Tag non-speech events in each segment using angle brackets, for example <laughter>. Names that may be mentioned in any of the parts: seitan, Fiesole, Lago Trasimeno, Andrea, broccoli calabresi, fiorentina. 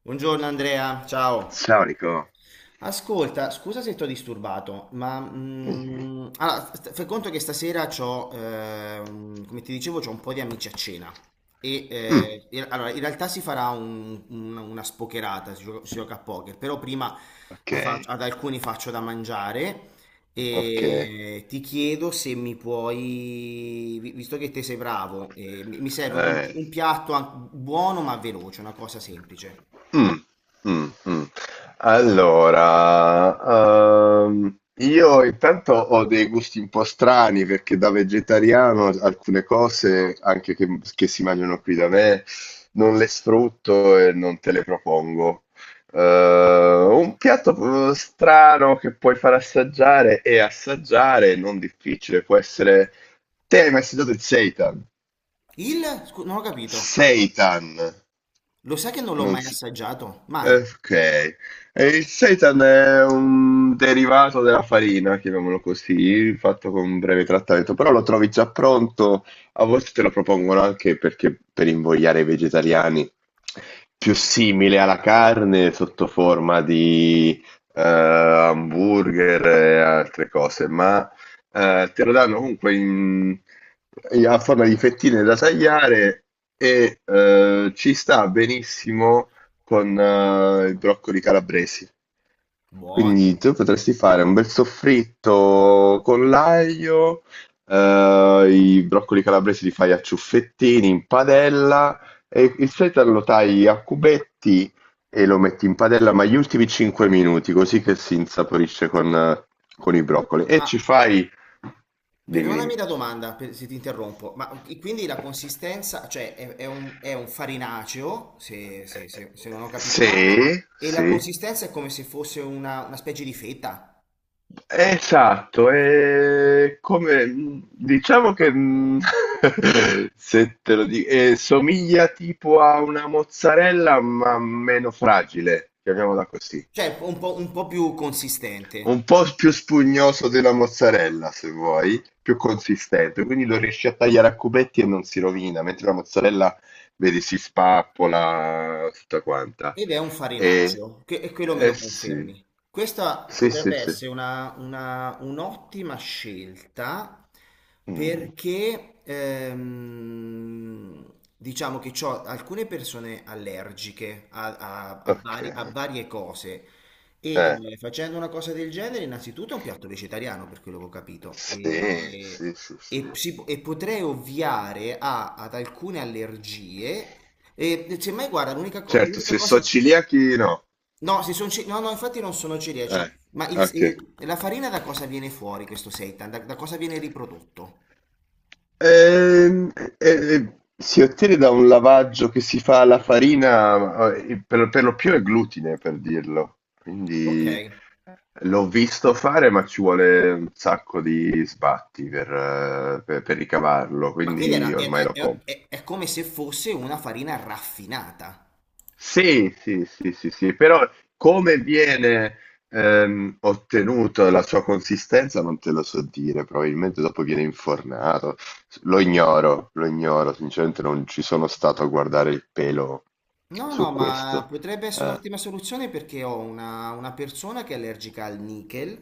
Buongiorno Andrea, ciao. Storico? Ascolta, scusa se ti ho disturbato, ma Mh, fai conto che stasera c'ho, come ti dicevo, c'ho un po' di amici a cena. E mh, eh, e- allora, in realtà si farà una spocherata, si gioca a poker, però prima okay, ad alcuni faccio da mangiare okay. e ti chiedo se mi puoi, visto che te sei bravo, mi serve Eh, un piatto buono ma veloce, una cosa semplice. mh, mh, mh. Allora, io intanto ho dei gusti un po' strani perché da vegetariano alcune cose, anche che si mangiano qui da me, non le sfrutto e non te le propongo. Un piatto, strano che puoi far assaggiare e assaggiare, non difficile, può essere. Te hai mai assaggiato il seitan? Il? Non ho capito. Seitan. Lo sai che non l'ho Non mai s- assaggiato? Mai. Ok. E il seitan è un derivato della farina, chiamiamolo così, fatto con un breve trattamento, però lo trovi già pronto, a volte te lo propongono anche perché per invogliare i vegetariani, più simile alla carne sotto forma di hamburger e altre cose, ma te lo danno comunque a forma di fettine da tagliare e ci sta benissimo con i broccoli calabresi. Quindi Buoni. tu potresti fare un bel soffritto con l'aglio, i broccoli calabresi li fai a ciuffettini in padella, e il sedano lo tagli a cubetti e lo metti in padella, ma gli ultimi 5 minuti, così che si insaporisce con i broccoli. E Ma ci fai. Dimmi, perdonami dimmi. la domanda se ti interrompo, ma e quindi la consistenza, cioè è è un farinaceo, Eh, se non ho capito se, male, e la se consistenza è come se fosse una specie di fetta, Esatto, e come diciamo che, <laughs> se te lo di somiglia tipo a una mozzarella, ma meno fragile, chiamiamola così. cioè un po' più consistente. Un po' s più spugnoso della mozzarella, se vuoi, più consistente, quindi lo riesci a tagliare a cubetti e non si rovina, mentre la mozzarella vedi si spappola tutta quanta. Ed è un Ehm farinaggio, che, e quello me eh lo sì. confermi. Questa Sì, sì, potrebbe sì. essere un'ottima scelta Mh. perché diciamo che ho alcune persone allergiche Ok. A varie cose e Eh, facendo una cosa del genere innanzitutto è un piatto vegetariano per quello che ho capito sì, e, sì, sì, sì. E potrei ovviare ad alcune allergie e cioè, ma guarda, Certo, l'unica se so cosa... celiachi no. No, no, no, infatti non sono celiaci, Eh, ma ok. La farina da cosa viene fuori questo seitan? Da cosa viene riprodotto? Si ottiene da un lavaggio che si fa alla farina, per lo più è glutine, per dirlo. Ok, Quindi l'ho visto fare, ma ci vuole un sacco di sbatti per ricavarlo, ma quindi quindi è, ormai lo compro. È come se fosse una farina raffinata. Sì, sì, sì, sì, sì, però come viene ottenuta la sua consistenza non te lo so dire, probabilmente dopo viene infornato. Lo ignoro, sinceramente non ci sono stato a guardare il pelo No, su no, ma questo. potrebbe essere Eh, un'ottima soluzione perché ho una persona che è allergica al nickel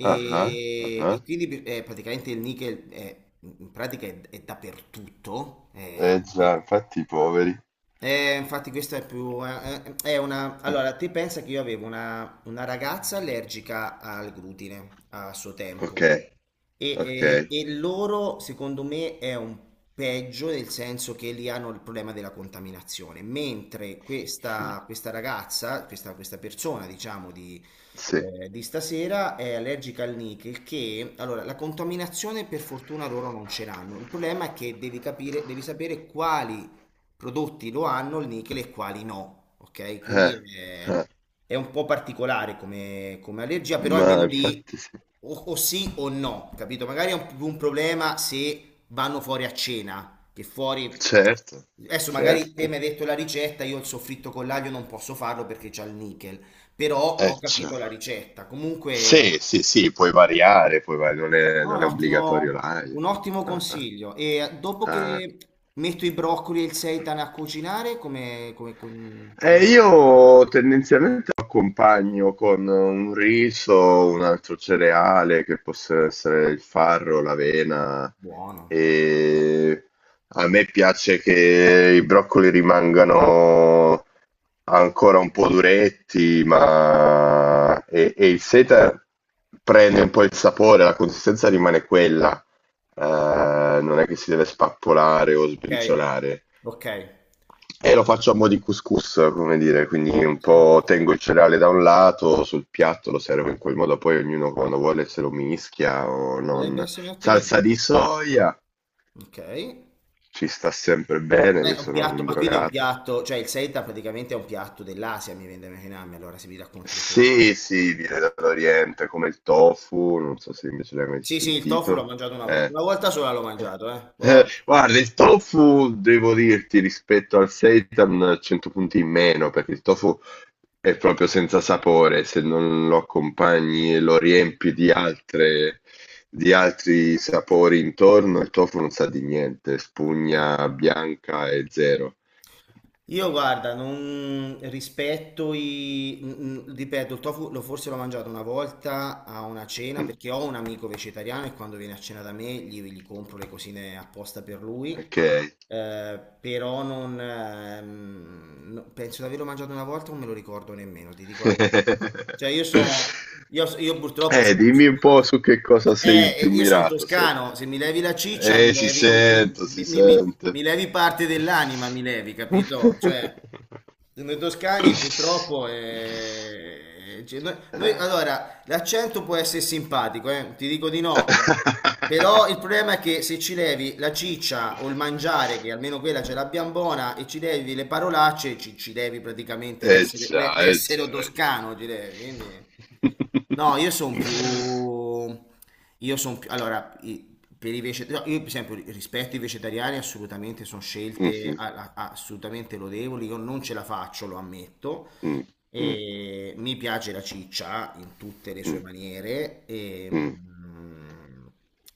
ah, ah, ah. Ah. e quindi praticamente il nickel è, in pratica è dappertutto. Eh già, infatti i poveri. Infatti questa è più... è una... Mm, Allora, te pensa che io avevo una ragazza allergica al glutine a suo tempo. ok, ok. E loro, secondo me, è un peggio nel senso che lì hanno il problema della contaminazione, mentre Mm, questa ragazza, questa persona, diciamo, sì. Di stasera è allergica al nickel, che allora la contaminazione per fortuna loro non ce l'hanno. Il problema è che devi capire, devi sapere quali prodotti lo hanno il nickel e quali no, ok? Eh, Quindi eh, è un po' particolare come, come allergia, però ma almeno lì infatti sì. O sì o no, capito? Magari è più un problema se vanno fuori a cena, che fuori... Certo, Adesso magari certo. te mi hai detto la ricetta, io il soffritto con l'aglio non posso farlo perché c'ha il nickel, però ho Cioè. capito la ricetta. Comunque... Sì, sì, sì, puoi variare, non è, No, è non è obbligatorio live. un ottimo Ah, ah. consiglio. E dopo Ah. che metto i broccoli e il seitan a cucinare, come va? Io tendenzialmente lo accompagno con un riso, un altro cereale che possa essere il farro, l'avena. Buono. E a me piace che i broccoli rimangano ancora un po' duretti, ma e il seta prende un po' il sapore, la consistenza rimane quella. Eh, Non è che si deve spappolare o Ok, sbriciolare. ok. E lo faccio a mo' di couscous, come dire, quindi un Sì. po' tengo il cereale da un lato, sul piatto lo servo in quel modo, poi ognuno quando vuole se lo mischia o Potrebbe non. essere un'ottima idea. Salsa di soia, Ok. Ci sta sempre bene, io è un sono piatto, un ma quindi è un drogato. piatto, cioè il seitan praticamente è un piatto dell'Asia, mi viene da immaginarmi, allora se mi racconti questo che fa. Sì, sì, viene dall'Oriente come il tofu, non so se invece l'hai mai Sì, sì, il tofu l'ho sentito. mangiato una volta. Eh. Una volta sola l'ho mangiato, eh. Poi... Guarda, il tofu, devo dirti, rispetto al seitan, 100 punti in meno, perché il tofu è proprio senza sapore, se non lo accompagni e lo riempi di altre, di altri sapori intorno, il tofu non sa di niente, Ok. spugna bianca e zero. Io guarda, non rispetto i... ripeto, il tofu lo forse l'ho mangiato una volta a una cena Mm, perché ho un amico vegetariano e quando viene a cena da me gli compro le cosine apposta per lui. ok. Però non... penso di averlo mangiato una volta, non me lo ricordo nemmeno, ti dico la verità. Cioè io sono... <laughs> io purtroppo sono... Dimmi un po' su che cosa sei più Io sono mirato. Toscano, se mi levi la ciccia mi Si levi, sente, si mi sente. levi parte dell'anima, mi levi, capito? Cioè, <laughs> noi toscani purtroppo cioè, Eh. allora, l'accento può essere simpatico, ti dico di no, ma... però il problema è che se ci levi la ciccia o il mangiare, che almeno quella ce l'abbiamo buona, e ci levi le parolacce, ci levi praticamente Eh l'essere, già, eh l'essere già, eh già. toscano, ci levi, quindi... No, io sono più... <laughs> Io sono più... Allora, per i vegetariani, io per esempio rispetto ai vegetariani assolutamente sono scelte Mhm, assolutamente lodevoli, io non ce la faccio, lo ammetto, mm, mm, mm, e mi piace la ciccia in tutte le sue mm. maniere e, Mm.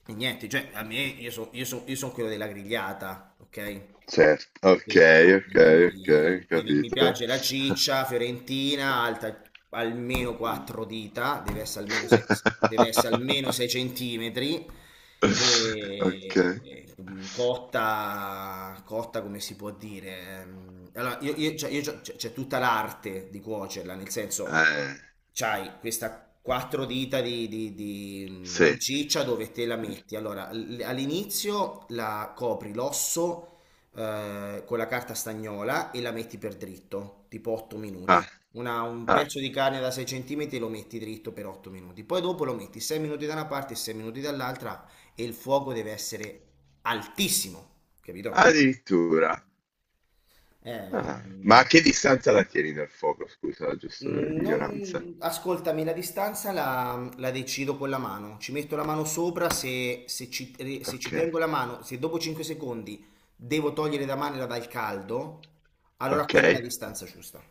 e niente, cioè a me io son quello della grigliata, ok? Certo, ok, Sì, ok, quindi, ok, quindi mi capito. piace la ciccia fiorentina, alta almeno Mm. 4 dita, deve essere almeno 6, deve essere almeno <laughs> 6 centimetri <laughs> Ok. e cotta, cotta come si può dire? Allora, cioè, c'è tutta l'arte di cuocerla, nel senso, Eh, c'hai questa quattro dita sì. di ciccia dove te la metti. Allora, all'inizio la copri l'osso con la carta stagnola e la metti per dritto, tipo 8 minuti. Ah, Un ah, pezzo di carne da 6 cm lo metti dritto per 8 minuti. Poi dopo lo metti 6 minuti da una parte e 6 minuti dall'altra e il fuoco deve essere altissimo, capito? addirittura. È Ah, ma a un... che distanza la tieni dal fuoco? Scusa, giusto per ignoranza. non... Ascoltami, la distanza la decido con la mano. Ci metto la mano sopra se, se ci Ok, tengo la mano, se dopo 5 secondi devo togliere la mano dal caldo, allora ok. quella è la distanza giusta.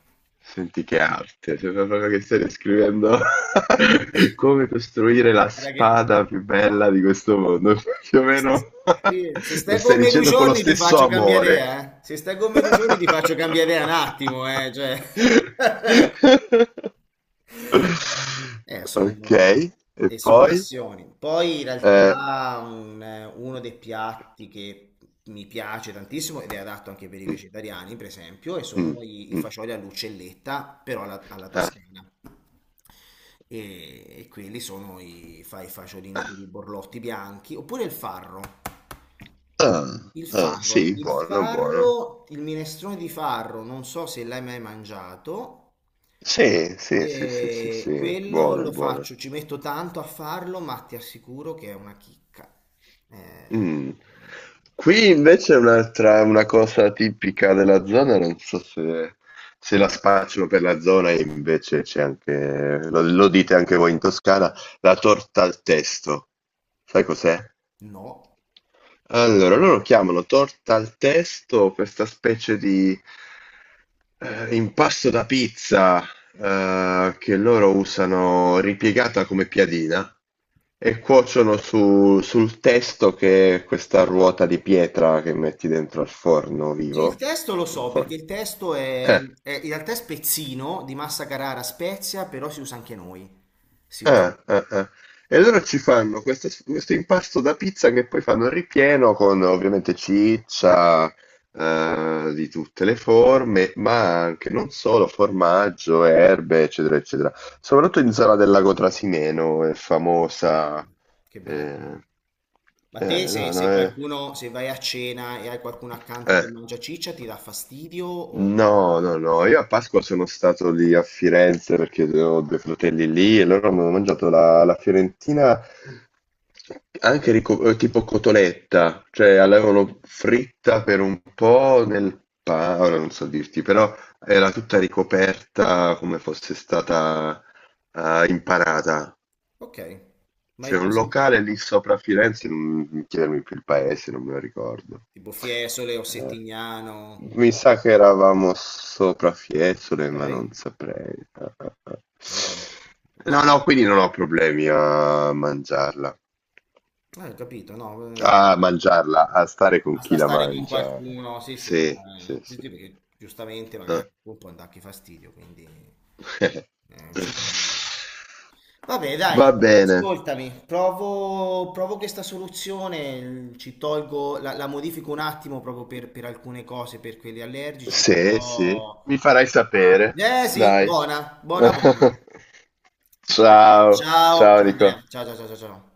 Senti che arte, sembra proprio che stai descrivendo <laughs> come costruire la Guarda che... spada più bella di questo mondo. <laughs> Più o meno Sì, se <laughs> lo stai con stai me due dicendo con lo giorni ti stesso faccio cambiare amore. idea, eh. Se stai con me 2 giorni ti faccio cambiare idea un attimo, eh. Cioè... <laughs> <laughs> Ok, sono, e e son poi? passioni. Poi in Eh, realtà uno dei piatti che mi piace tantissimo ed è adatto anche per i mm, vegetariani, per esempio, e mm, sono i mm, fagioli all'uccelletta, però alla ah, toscana. E quelli sono i fagiolini, quelli borlotti bianchi, oppure il farro. ah, ah, sì, Il buono, buono. farro, il minestrone di farro, non so se l'hai mai mangiato. Sì, sì, sì, sì, sì, E sì, quello buono, lo buono. faccio, ci metto tanto a farlo, ma ti assicuro che è una chicca. Eh, Mm. Qui invece è un'altra, una cosa tipica della zona, non so se la spacciano per la zona, e invece c'è anche, lo dite anche voi in Toscana, la torta al testo. Sai cos'è? no. Allora, loro chiamano torta al testo questa specie di impasto da pizza che loro usano ripiegata come piadina e cuociono sul testo che è questa ruota di pietra che metti dentro al forno Sì, il vivo. testo lo Il so, perché forno. il testo è, Eh. In realtà è spezzino di Massa Carrara Spezia, però si usa anche noi. Si usa. Ah, ah, ah. E allora ci fanno questo impasto da pizza che poi fanno il ripieno con ovviamente ciccia di tutte le forme, ma anche non solo formaggio, erbe, eccetera, eccetera. Soprattutto in Zala del Lago Trasimeno è Bello. famosa. Che bella zona. eh, Ma te se, no, no, se è, qualcuno, se vai a cena e hai qualcuno accanto eh. che mangia ciccia, ti dà fastidio o... No, no, no, io a Pasqua sono stato lì a Firenze perché ho due fratelli lì e loro hanno mangiato la fiorentina anche tipo cotoletta, cioè l'avevano fritta per un po' nel pane, ora non so dirti, però era tutta ricoperta come fosse stata impanata. Ok, mai, C'è mai un sentito. locale lì sopra a Firenze, non mi chiedermi più il paese, non me lo ricordo. Tipo Fiesole o Eh, Settignano. mi sa che eravamo sopra Fiesole, ma Ok? non saprei. Io sono- No, sono- no, quindi non ho problemi a mangiarla. Ho capito, no, A mangiarla, a stare con chi basta la stare con mangia. qualcuno, sì, sì, ma, Sì, sì, sì, sì. sì, perché giustamente magari Eh. a quel punto anche fastidio, quindi cioè, vabbè, <laughs> dai, Va bene. ascoltami, provo, provo questa soluzione, ci tolgo, la modifico un attimo proprio per alcune cose, per quelli allergici, Sì, sì, però... mi farai sapere, Eh sì, dai. buona, buona, buona. <laughs> Ciao, Ciao, ciao ciao Andrea, Nico. ciao, ciao, ciao, ciao, ciao.